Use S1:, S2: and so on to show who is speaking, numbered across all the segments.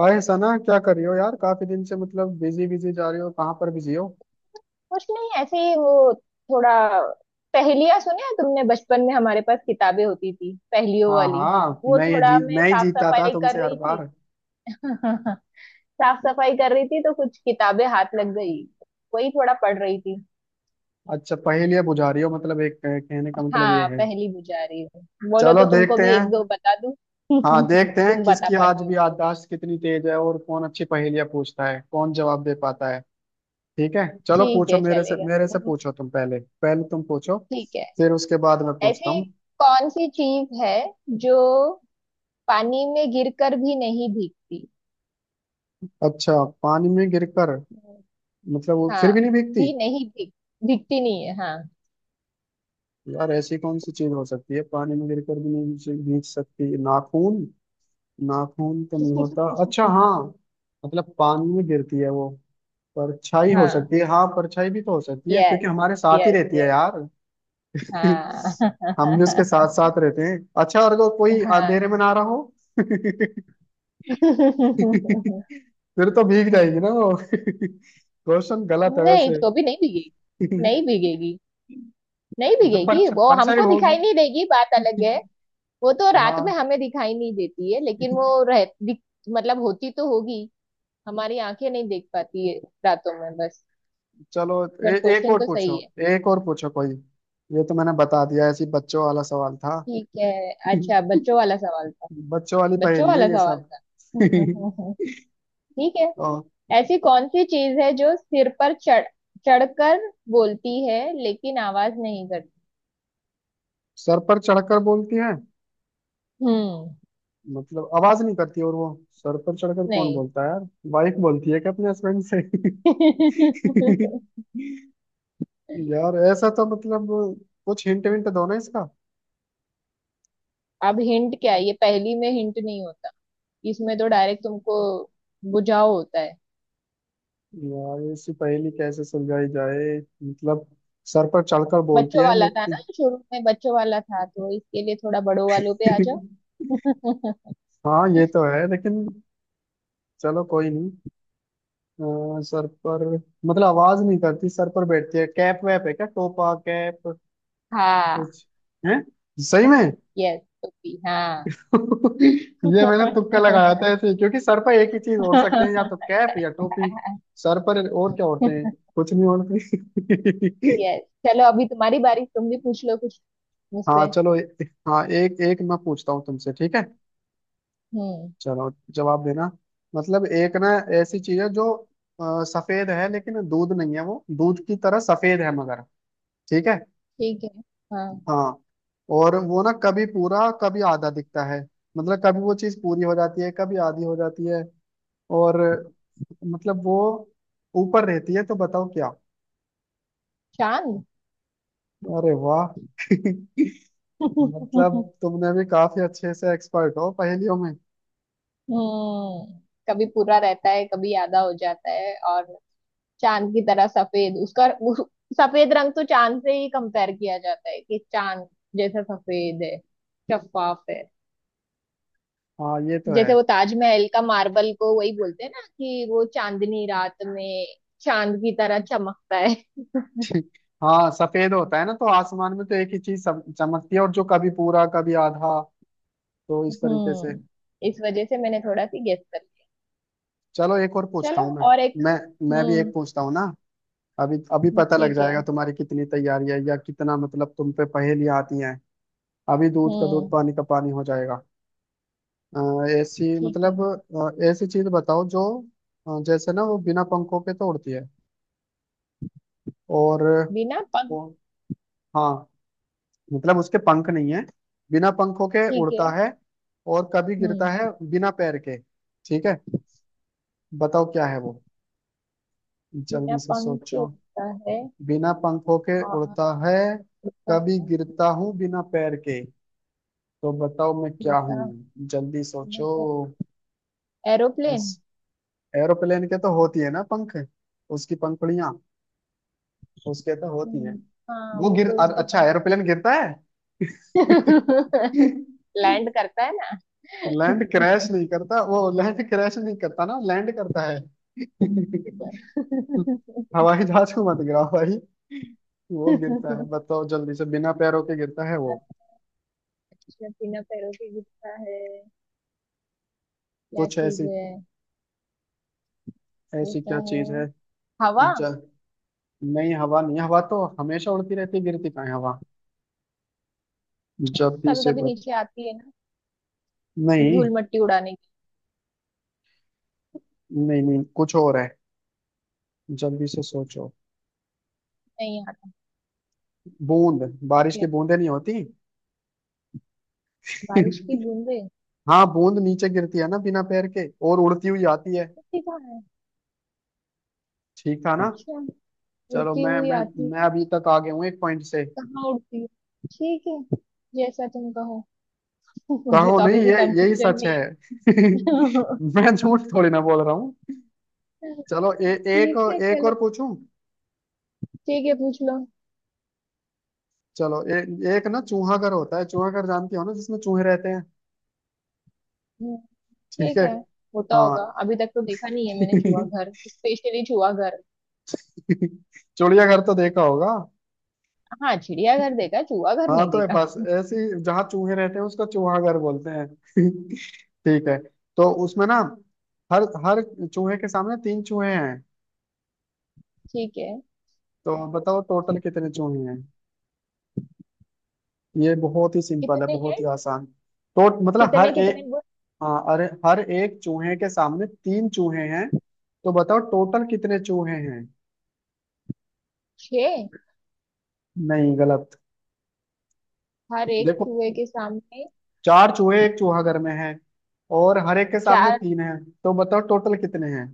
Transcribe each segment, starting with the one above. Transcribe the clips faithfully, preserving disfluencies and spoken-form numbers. S1: हाय सना, क्या कर रही हो यार। काफी दिन से मतलब बिजी बिजी जा रही हो, कहाँ पर बिजी हो।
S2: कुछ नहीं, ऐसे ही। वो थोड़ा पहेलियां सुने हैं तुमने बचपन में? हमारे पास किताबें होती थी पहेलियों
S1: हाँ
S2: वाली।
S1: हाँ,
S2: वो
S1: मैं ये
S2: थोड़ा
S1: जीत
S2: मैं
S1: मैं ही
S2: साफ
S1: जीतता था
S2: सफाई कर
S1: तुमसे हर
S2: रही थी।
S1: बार।
S2: साफ सफाई कर रही थी तो कुछ किताबें हाथ लग गई। वही थोड़ा पढ़ रही थी।
S1: अच्छा, पहेलियां बुझा रही हो मतलब, एक कह- कहने का मतलब ये
S2: हाँ,
S1: है।
S2: पहेली बुझा रही हूँ। बोलो
S1: चलो
S2: तो तुमको
S1: देखते
S2: भी
S1: हैं।
S2: एक दो बता दूँ।
S1: हाँ, देखते हैं
S2: तुम बता
S1: किसकी आज
S2: पाते हो?
S1: भी याददाश्त कितनी तेज है और कौन अच्छी पहेलियां पूछता है, कौन जवाब दे पाता है। ठीक है चलो,
S2: ठीक
S1: पूछो
S2: है,
S1: मेरे से
S2: चलेगा।
S1: मेरे से
S2: हम्म।
S1: पूछो, तुम पहले पहले तुम पूछो।
S2: ठीक है।
S1: फिर उसके बाद मैं पूछता
S2: ऐसी
S1: हूँ।
S2: कौन सी चीज है जो पानी में गिरकर भी नहीं भीगती?
S1: अच्छा, पानी में गिरकर मतलब वो फिर
S2: हाँ,
S1: भी नहीं भीगती।
S2: भी नहीं भीग भीगती नहीं है, हाँ।
S1: यार ऐसी कौन सी चीज हो सकती है पानी में गिरकर भी नहीं भीग भीग सकती। नाखून? नाखून तो नहीं होता। अच्छा हाँ, मतलब पानी में गिरती है वो। परछाई हो
S2: हाँ।
S1: सकती है, हाँ परछाई भी तो हो सकती है
S2: यस।
S1: क्योंकि हमारे साथ ही
S2: यस,
S1: रहती है
S2: यस।
S1: यार।
S2: हाँ।
S1: हम भी उसके साथ साथ रहते हैं। अच्छा, और अगर कोई
S2: हाँ।
S1: अंधेरे में ना रहा हो। फिर तो भीग जाएगी
S2: हम्म,
S1: ना वो। क्वेश्चन गलत है
S2: नहीं,
S1: वैसे।
S2: तो भी नहीं भीगेगी। नहीं भीगेगी। नहीं
S1: जब
S2: भीगेगी,
S1: परछ-
S2: वो
S1: परछाई
S2: हमको दिखाई
S1: होगी।
S2: नहीं देगी, बात अलग है। वो तो रात में
S1: हाँ,
S2: हमें दिखाई नहीं देती है, लेकिन वो रह दिख-। मतलब होती तो होगी, हमारी आंखें नहीं देख पाती है रातों में, बस।
S1: चलो ए,
S2: बट
S1: एक
S2: क्वेश्चन
S1: और
S2: तो सही
S1: पूछो,
S2: है।
S1: एक और पूछो कोई। ये तो मैंने बता दिया, ऐसी बच्चों वाला सवाल था।
S2: ठीक है। अच्छा, बच्चों वाला सवाल था।
S1: बच्चों वाली
S2: बच्चों
S1: पहेली है
S2: वाला
S1: ये
S2: सवाल
S1: सब।
S2: था। ठीक है।
S1: और
S2: ऐसी कौन सी चीज है जो सिर पर चढ़ चढ़कर बोलती है लेकिन आवाज नहीं करती?
S1: सर पर चढ़कर बोलती है
S2: हम्म।
S1: मतलब आवाज नहीं करती, और वो सर पर चढ़कर कौन
S2: नहीं।
S1: बोलता है यार। वाइफ बोलती है क्या अपने हस्बैंड से? यार ऐसा तो मतलब, कुछ हिंट विंट दो ना इसका।
S2: अब हिंट क्या है? ये पहेली में हिंट नहीं होता। इसमें तो डायरेक्ट तुमको बुझाओ होता है।
S1: यार ऐसी पहेली कैसे सुलझाई जाए मतलब, सर पर चढ़कर बोलती
S2: बच्चों
S1: है
S2: वाला था ना,
S1: लेकिन।
S2: शुरू में बच्चों वाला था, तो इसके लिए थोड़ा बड़ों वालों पे आ जाओ।
S1: हाँ ये तो है लेकिन, चलो कोई नहीं। अ, सर पर, मतलब आवाज नहीं करती, सर पर बैठती है। कैप वैप है क्या, टोपा कैप,
S2: हाँ।
S1: कुछ है सही में।
S2: यस, टोपी, हाँ।
S1: ये मैंने तुक्का लगाया था ऐसे ही, क्योंकि सर पर एक ही चीज ओढ़ सकते हैं, या तो कैप या टोपी। सर पर और क्या ओढ़ते हैं, कुछ नहीं ओढ़ते।
S2: यस। चलो अभी तुम्हारी बारी, तुम भी पूछ लो कुछ
S1: हाँ,
S2: मुझसे।
S1: चलो ए- हाँ, एक एक मैं पूछता हूँ तुमसे, ठीक है।
S2: हम्म।
S1: चलो, जवाब देना मतलब, एक ना ऐसी चीज है जो अ, सफेद है लेकिन दूध नहीं है, वो दूध की तरह सफेद है मगर, ठीक है।
S2: ठीक है। हाँ।
S1: हाँ, और वो ना कभी पूरा कभी आधा दिखता है, मतलब कभी वो चीज पूरी हो जाती है कभी आधी हो जाती है, और मतलब वो ऊपर रहती है, तो बताओ क्या।
S2: चांद।
S1: अरे वाह। मतलब तुमने भी काफी अच्छे से, एक्सपर्ट हो पहेलियों में।
S2: हम्म। कभी पूरा रहता है कभी आधा हो जाता है, और चांद की तरह सफेद उसका उस, सफेद रंग तो चांद से ही कंपेयर किया जाता है कि चांद जैसा सफेद है। शफाफ है।
S1: हाँ ये तो है।
S2: जैसे वो ताजमहल का मार्बल को वही बोलते हैं ना कि वो चांदनी रात में चांद की तरह चमकता है।
S1: हाँ सफेद होता है ना, तो आसमान में तो एक ही चीज सम- चमकती है और जो कभी पूरा कभी आधा, तो इस तरीके से।
S2: हम्म। इस वजह से मैंने थोड़ा सी गेस कर
S1: चलो एक और
S2: लिया।
S1: पूछता
S2: चलो,
S1: हूँ मैं,
S2: और एक।
S1: मैं मैं भी एक
S2: हम्म।
S1: पूछता हूँ ना। अभी अभी पता लग
S2: ठीक है।
S1: जाएगा तुम्हारी कितनी तैयारी है या कितना मतलब तुम पे पहेलियां आती हैं। अभी दूध का दूध
S2: हम्म।
S1: पानी का पानी हो जाएगा। अ, ऐसी
S2: ठीक
S1: मतलब,
S2: है।
S1: अ, ऐसी चीज बताओ जो अ, जैसे ना वो बिना पंखों के तो उड़ती है, और
S2: बिना पंख।
S1: वो, हाँ मतलब उसके पंख नहीं है। बिना पंखों के
S2: ठीक
S1: उड़ता
S2: है।
S1: है और कभी गिरता
S2: हम्म।
S1: है बिना पैर के, ठीक है। बताओ क्या है वो,
S2: बिना
S1: जल्दी से
S2: पंख के
S1: सोचो।
S2: उड़ता है,
S1: बिना पंखों के
S2: और
S1: उड़ता है,
S2: उड़ता
S1: कभी
S2: है।
S1: गिरता हूँ बिना पैर के, तो बताओ मैं क्या
S2: उड़ता है,
S1: हूँ। जल्दी
S2: बिना
S1: सोचो।
S2: पैर।
S1: इस
S2: एरोप्लेन।
S1: एरोप्लेन के तो होती है ना पंख, उसकी पंखुड़ियाँ, उसके तो होती हैं।
S2: हम्म। हाँ,
S1: वो
S2: वो
S1: गिर
S2: तो
S1: अर-
S2: उसके
S1: अच्छा
S2: पंख।
S1: एरोप्लेन गिरता है?
S2: लैंड करता है ना।
S1: लैंड, क्रैश नहीं करता वो, लैंड क्रैश नहीं करता ना, लैंड करता है। हवाई जहाज को मत गिराओ भाई, वो गिरता है बताओ जल्दी से, बिना पैरों के गिरता है वो,
S2: अच्छा, बिना पैरों के गिरता है? क्या
S1: कुछ
S2: चीज
S1: ऐसी,
S2: है?
S1: ऐसी
S2: उड़ता
S1: क्या
S2: है।
S1: चीज है।
S2: हवा।
S1: जल नहीं, हवा नहीं, हवा तो हमेशा उड़ती रहती है, गिरती कहाँ है हवा। जल्दी
S2: कभी
S1: से
S2: कभी
S1: बत...
S2: नीचे आती है ना,
S1: नहीं,
S2: धूल मिट्टी उड़ाने की।
S1: नहीं नहीं कुछ और है, जल्दी से सोचो।
S2: नहीं आती
S1: बूंद, बारिश की
S2: है।
S1: बूंदें नहीं होती?
S2: बारिश की बूंदें?
S1: हाँ बूंद नीचे गिरती है ना बिना पैर के, और उड़ती हुई आती है।
S2: ये कहाँ है?
S1: ठीक था ना।
S2: अच्छा,
S1: चलो
S2: उड़ती
S1: मैं
S2: हुई
S1: मैं
S2: आती है?
S1: मैं अभी तक आगे हूँ एक पॉइंट से।
S2: कहाँ उड़ती है? ठीक है, जैसा तुम कहो। मुझे
S1: कहो
S2: तो
S1: नहीं,
S2: अभी भी
S1: ये यही
S2: कंफ्यूजन
S1: सच
S2: नहीं
S1: है।
S2: है।
S1: मैं झूठ थोड़ी ना बोल रहा हूँ। चलो ए,
S2: ठीक है,
S1: एक एक और
S2: चलो।
S1: पूछूं।
S2: ठीक है, पूछ लो।
S1: चलो ए, एक ना चूहा घर होता है, चूहा घर जानती हो ना, जिसमें चूहे रहते हैं,
S2: हम्म।
S1: ठीक
S2: ठीक
S1: है।
S2: है। होता
S1: हाँ।
S2: होगा, अभी तक तो देखा नहीं है मैंने चूहा घर, स्पेशली चूहा घर।
S1: चिड़ियाघर तो देखा होगा।
S2: हाँ, चिड़ियाघर देखा है, चूहा घर
S1: हाँ
S2: नहीं
S1: तो
S2: देखा।
S1: बस ऐसी, जहाँ चूहे रहते हैं उसका चूहाघर बोलते हैं। ठीक है। तो उसमें ना, हर हर चूहे के सामने तीन चूहे हैं,
S2: ठीक है।
S1: तो बताओ टोटल कितने चूहे हैं। ये बहुत ही सिंपल है,
S2: कितने हैं?
S1: बहुत ही आसान। तो मतलब हर
S2: कितने कितने
S1: एक,
S2: बोल?
S1: हाँ अरे हर एक चूहे के सामने तीन चूहे हैं, तो बताओ टोटल कितने चूहे हैं।
S2: छह।
S1: नहीं गलत।
S2: हर एक
S1: देखो,
S2: चूहे के सामने
S1: चार चूहे एक चूहा घर
S2: तीन,
S1: में है, और हर एक के सामने
S2: चार?
S1: तीन है, तो बताओ टोटल कितने हैं।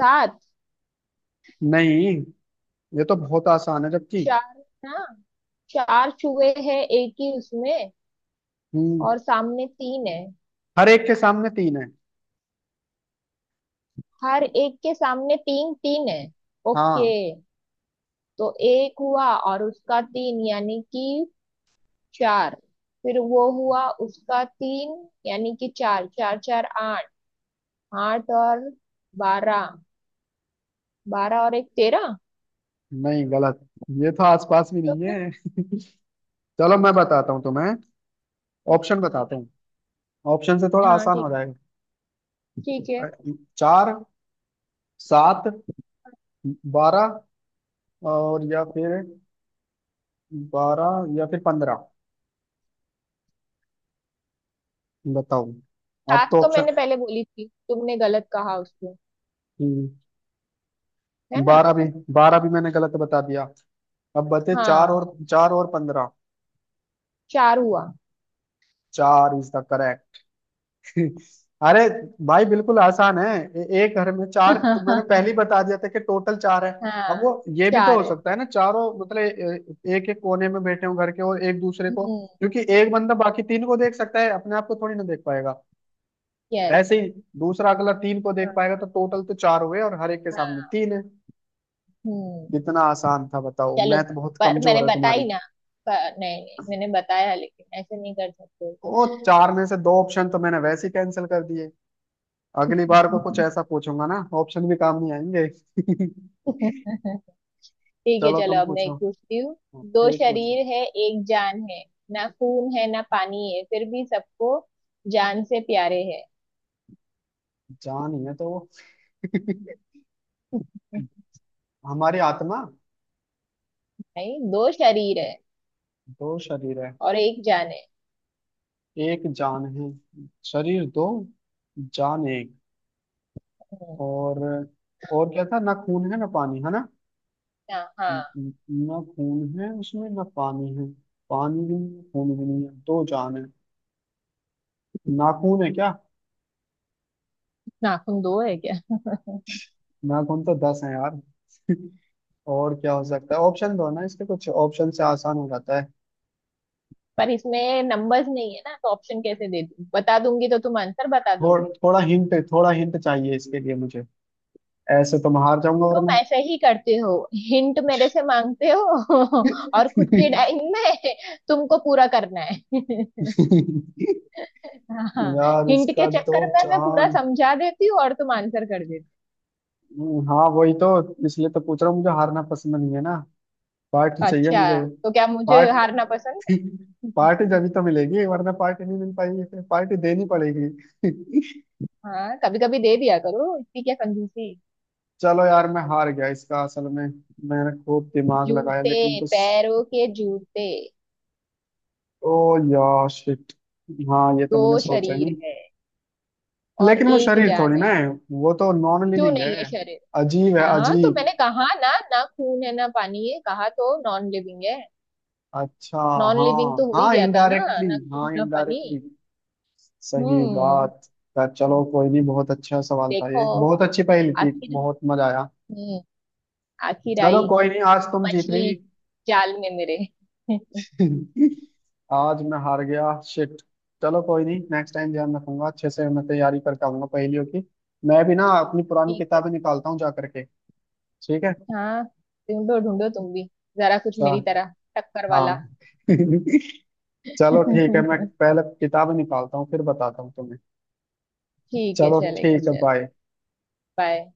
S2: सात?
S1: नहीं, ये तो बहुत आसान है जबकि।
S2: चार ना, चार चूहे हैं एक ही उसमें
S1: हम्म,
S2: और सामने तीन है।
S1: हर एक के सामने तीन है,
S2: हर एक के सामने तीन तीन है? ओके।
S1: हाँ।
S2: तो एक हुआ और उसका तीन, यानी कि चार। फिर वो हुआ उसका तीन, यानी कि चार, चार, चार, आठ। आठ और बारह। बारह और एक, तेरह।
S1: नहीं गलत, ये तो आसपास भी
S2: तो
S1: नहीं
S2: फिर?
S1: है। चलो मैं बताता हूँ तुम्हें, ऑप्शन बताता हूँ, ऑप्शन से थोड़ा
S2: हाँ,
S1: आसान
S2: ठीक।
S1: हो जाएगा।
S2: ठीक
S1: अ,
S2: है।
S1: चार, सात, बारह, और या फिर, बारह या फिर पंद्रह, बताओ। अब
S2: सात
S1: तो
S2: तो मैंने
S1: ऑप्शन,
S2: पहले बोली थी, तुमने गलत कहा उसको, है ना?
S1: बारह भी बारह भी मैंने गलत बता दिया, अब बते चार
S2: हाँ।
S1: और चार और पंद्रह।
S2: चार हुआ।
S1: चार इज द करेक्ट। अरे भाई बिल्कुल आसान है। ए, एक घर में चार, तो मैंने पहले ही बता दिया था कि टोटल चार है।
S2: हाँ,
S1: अब वो, ये भी तो
S2: चार
S1: हो
S2: है।
S1: सकता है ना, चारों मतलब एक एक कोने में बैठे हो घर के, और एक दूसरे को,
S2: हम्म।
S1: क्योंकि एक बंदा बाकी तीन को देख सकता है, अपने आप को थोड़ी ना देख पाएगा।
S2: यस।
S1: ऐसे ही, दूसरा अगला तीन को देख
S2: हाँ।
S1: पाएगा, तो टोटल तो चार हुए और हर एक के सामने
S2: हाँ।
S1: तीन है।
S2: हम्म।
S1: कितना आसान था बताओ,
S2: चलो,
S1: मैथ बहुत
S2: पर मैंने
S1: कमजोर है तुम्हारी।
S2: बताई ना। पर नहीं, नहीं मैंने बताया, लेकिन ऐसे नहीं कर सकते।
S1: ओ, चार में से दो ऑप्शन तो मैंने वैसे ही कैंसिल कर दिए। अगली बार को कुछ ऐसा पूछूंगा ना, ऑप्शन भी काम नहीं आएंगे।
S2: ठीक है,
S1: चलो
S2: चलो,
S1: तुम
S2: अब मैं एक
S1: पूछो,
S2: पूछती हूँ। दो
S1: एक पूछो।
S2: शरीर है, एक जान है, ना खून है ना पानी है, फिर भी सबको जान से प्यारे है।
S1: जान ही है तो वो। हमारी आत्मा।
S2: नहीं, दो शरीर है
S1: दो शरीर है,
S2: और एक जान है।
S1: एक जान है। शरीर दो, जान एक,
S2: हम्म।
S1: और और क्या था, ना खून है ना पानी है ना,
S2: हाँ, हाँ।
S1: न- न- ना खून है उसमें ना पानी है। पानी भी नहीं है, खून भी नहीं है, दो जान है, नाखून है क्या।
S2: नाखून दो है क्या?
S1: नाखून तो दस है यार। और क्या हो सकता है, ऑप्शन दो ना इसके, कुछ ऑप्शन से आसान हो जाता है।
S2: पर इसमें नंबर्स नहीं है ना, तो ऑप्शन कैसे दे दूँ? बता दूंगी तो तुम आंसर बता
S1: थोड़,
S2: दोगे।
S1: थोड़ा हिंट, थोड़ा हिंट चाहिए इसके लिए मुझे, ऐसे तो मैं हार जाऊंगा
S2: तुम
S1: वरना।
S2: ऐसे ही करते हो, हिंट मेरे से मांगते हो और खुद की डाइंग में तुमको पूरा करना है। हाँ।
S1: यार
S2: हिंट के
S1: इसका तो
S2: चक्कर में मैं पूरा
S1: चांद।
S2: समझा देती हूँ और तुम आंसर कर देती
S1: हम्म, हाँ वही तो, इसलिए तो पूछ रहा हूँ, मुझे हारना पसंद नहीं है ना। पार्टी
S2: हो।
S1: चाहिए
S2: अच्छा,
S1: मुझे।
S2: तो क्या मुझे
S1: पार्ट
S2: हारना पसंद है?
S1: पार्टी जब ही तो मिलेगी, वरना पार्टी नहीं मिल पाएगी, फिर पार्टी देनी पड़ेगी।
S2: हाँ, कभी कभी दे दिया करो, इतनी क्या कंजूसी।
S1: चलो यार मैं हार गया इसका, असल में मैंने खूब दिमाग लगाया
S2: जूते,
S1: लेकिन कुछ,
S2: पैरों के जूते।
S1: ओ यार शिट। हाँ ये तो
S2: दो
S1: मैंने सोचा ही नहीं।
S2: शरीर है और
S1: लेकिन वो
S2: एक
S1: शरीर
S2: जान
S1: थोड़ी ना
S2: है।
S1: है, वो तो नॉन
S2: क्यों
S1: लिविंग
S2: नहीं है
S1: है।
S2: शरीर?
S1: अजीब है
S2: हाँ, तो
S1: अजीब।
S2: मैंने कहा ना, ना खून है ना पानी है, कहा तो नॉन लिविंग है।
S1: अच्छा,
S2: नॉन लिविंग
S1: हाँ
S2: तो हो ही
S1: हाँ
S2: गया था ना,
S1: इनडायरेक्टली,
S2: ना
S1: हाँ
S2: खून ना पानी।
S1: इनडायरेक्टली, सही
S2: हम्म।
S1: बात। पर चलो कोई नहीं, बहुत अच्छा सवाल था ये,
S2: देखो,
S1: बहुत अच्छी पहेली थी,
S2: आखिर।
S1: बहुत मजा आया।
S2: हम्म। आखिर
S1: चलो
S2: आई
S1: कोई नहीं, आज तुम जीत
S2: मछली
S1: रही।
S2: जाल में मेरे।
S1: आज मैं हार गया, शिट। चलो कोई नहीं, नेक्स्ट टाइम ध्यान रखूंगा, अच्छे से मैं तैयारी करके आऊंगा पहेलियों की। मैं भी ना अपनी पुरानी
S2: ठीक है।
S1: किताबें निकालता हूँ जा करके। ठीक है।
S2: हाँ। ढूंढो ढूंढो तुम भी जरा, कुछ मेरी
S1: चा-
S2: तरह टक्कर वाला।
S1: हाँ। चलो ठीक है, मैं
S2: ठीक
S1: पहले किताब निकालता हूँ फिर बताता हूँ तुम्हें।
S2: है,
S1: चलो
S2: चलेगा।
S1: ठीक है,
S2: चलो,
S1: बाय।
S2: बाय।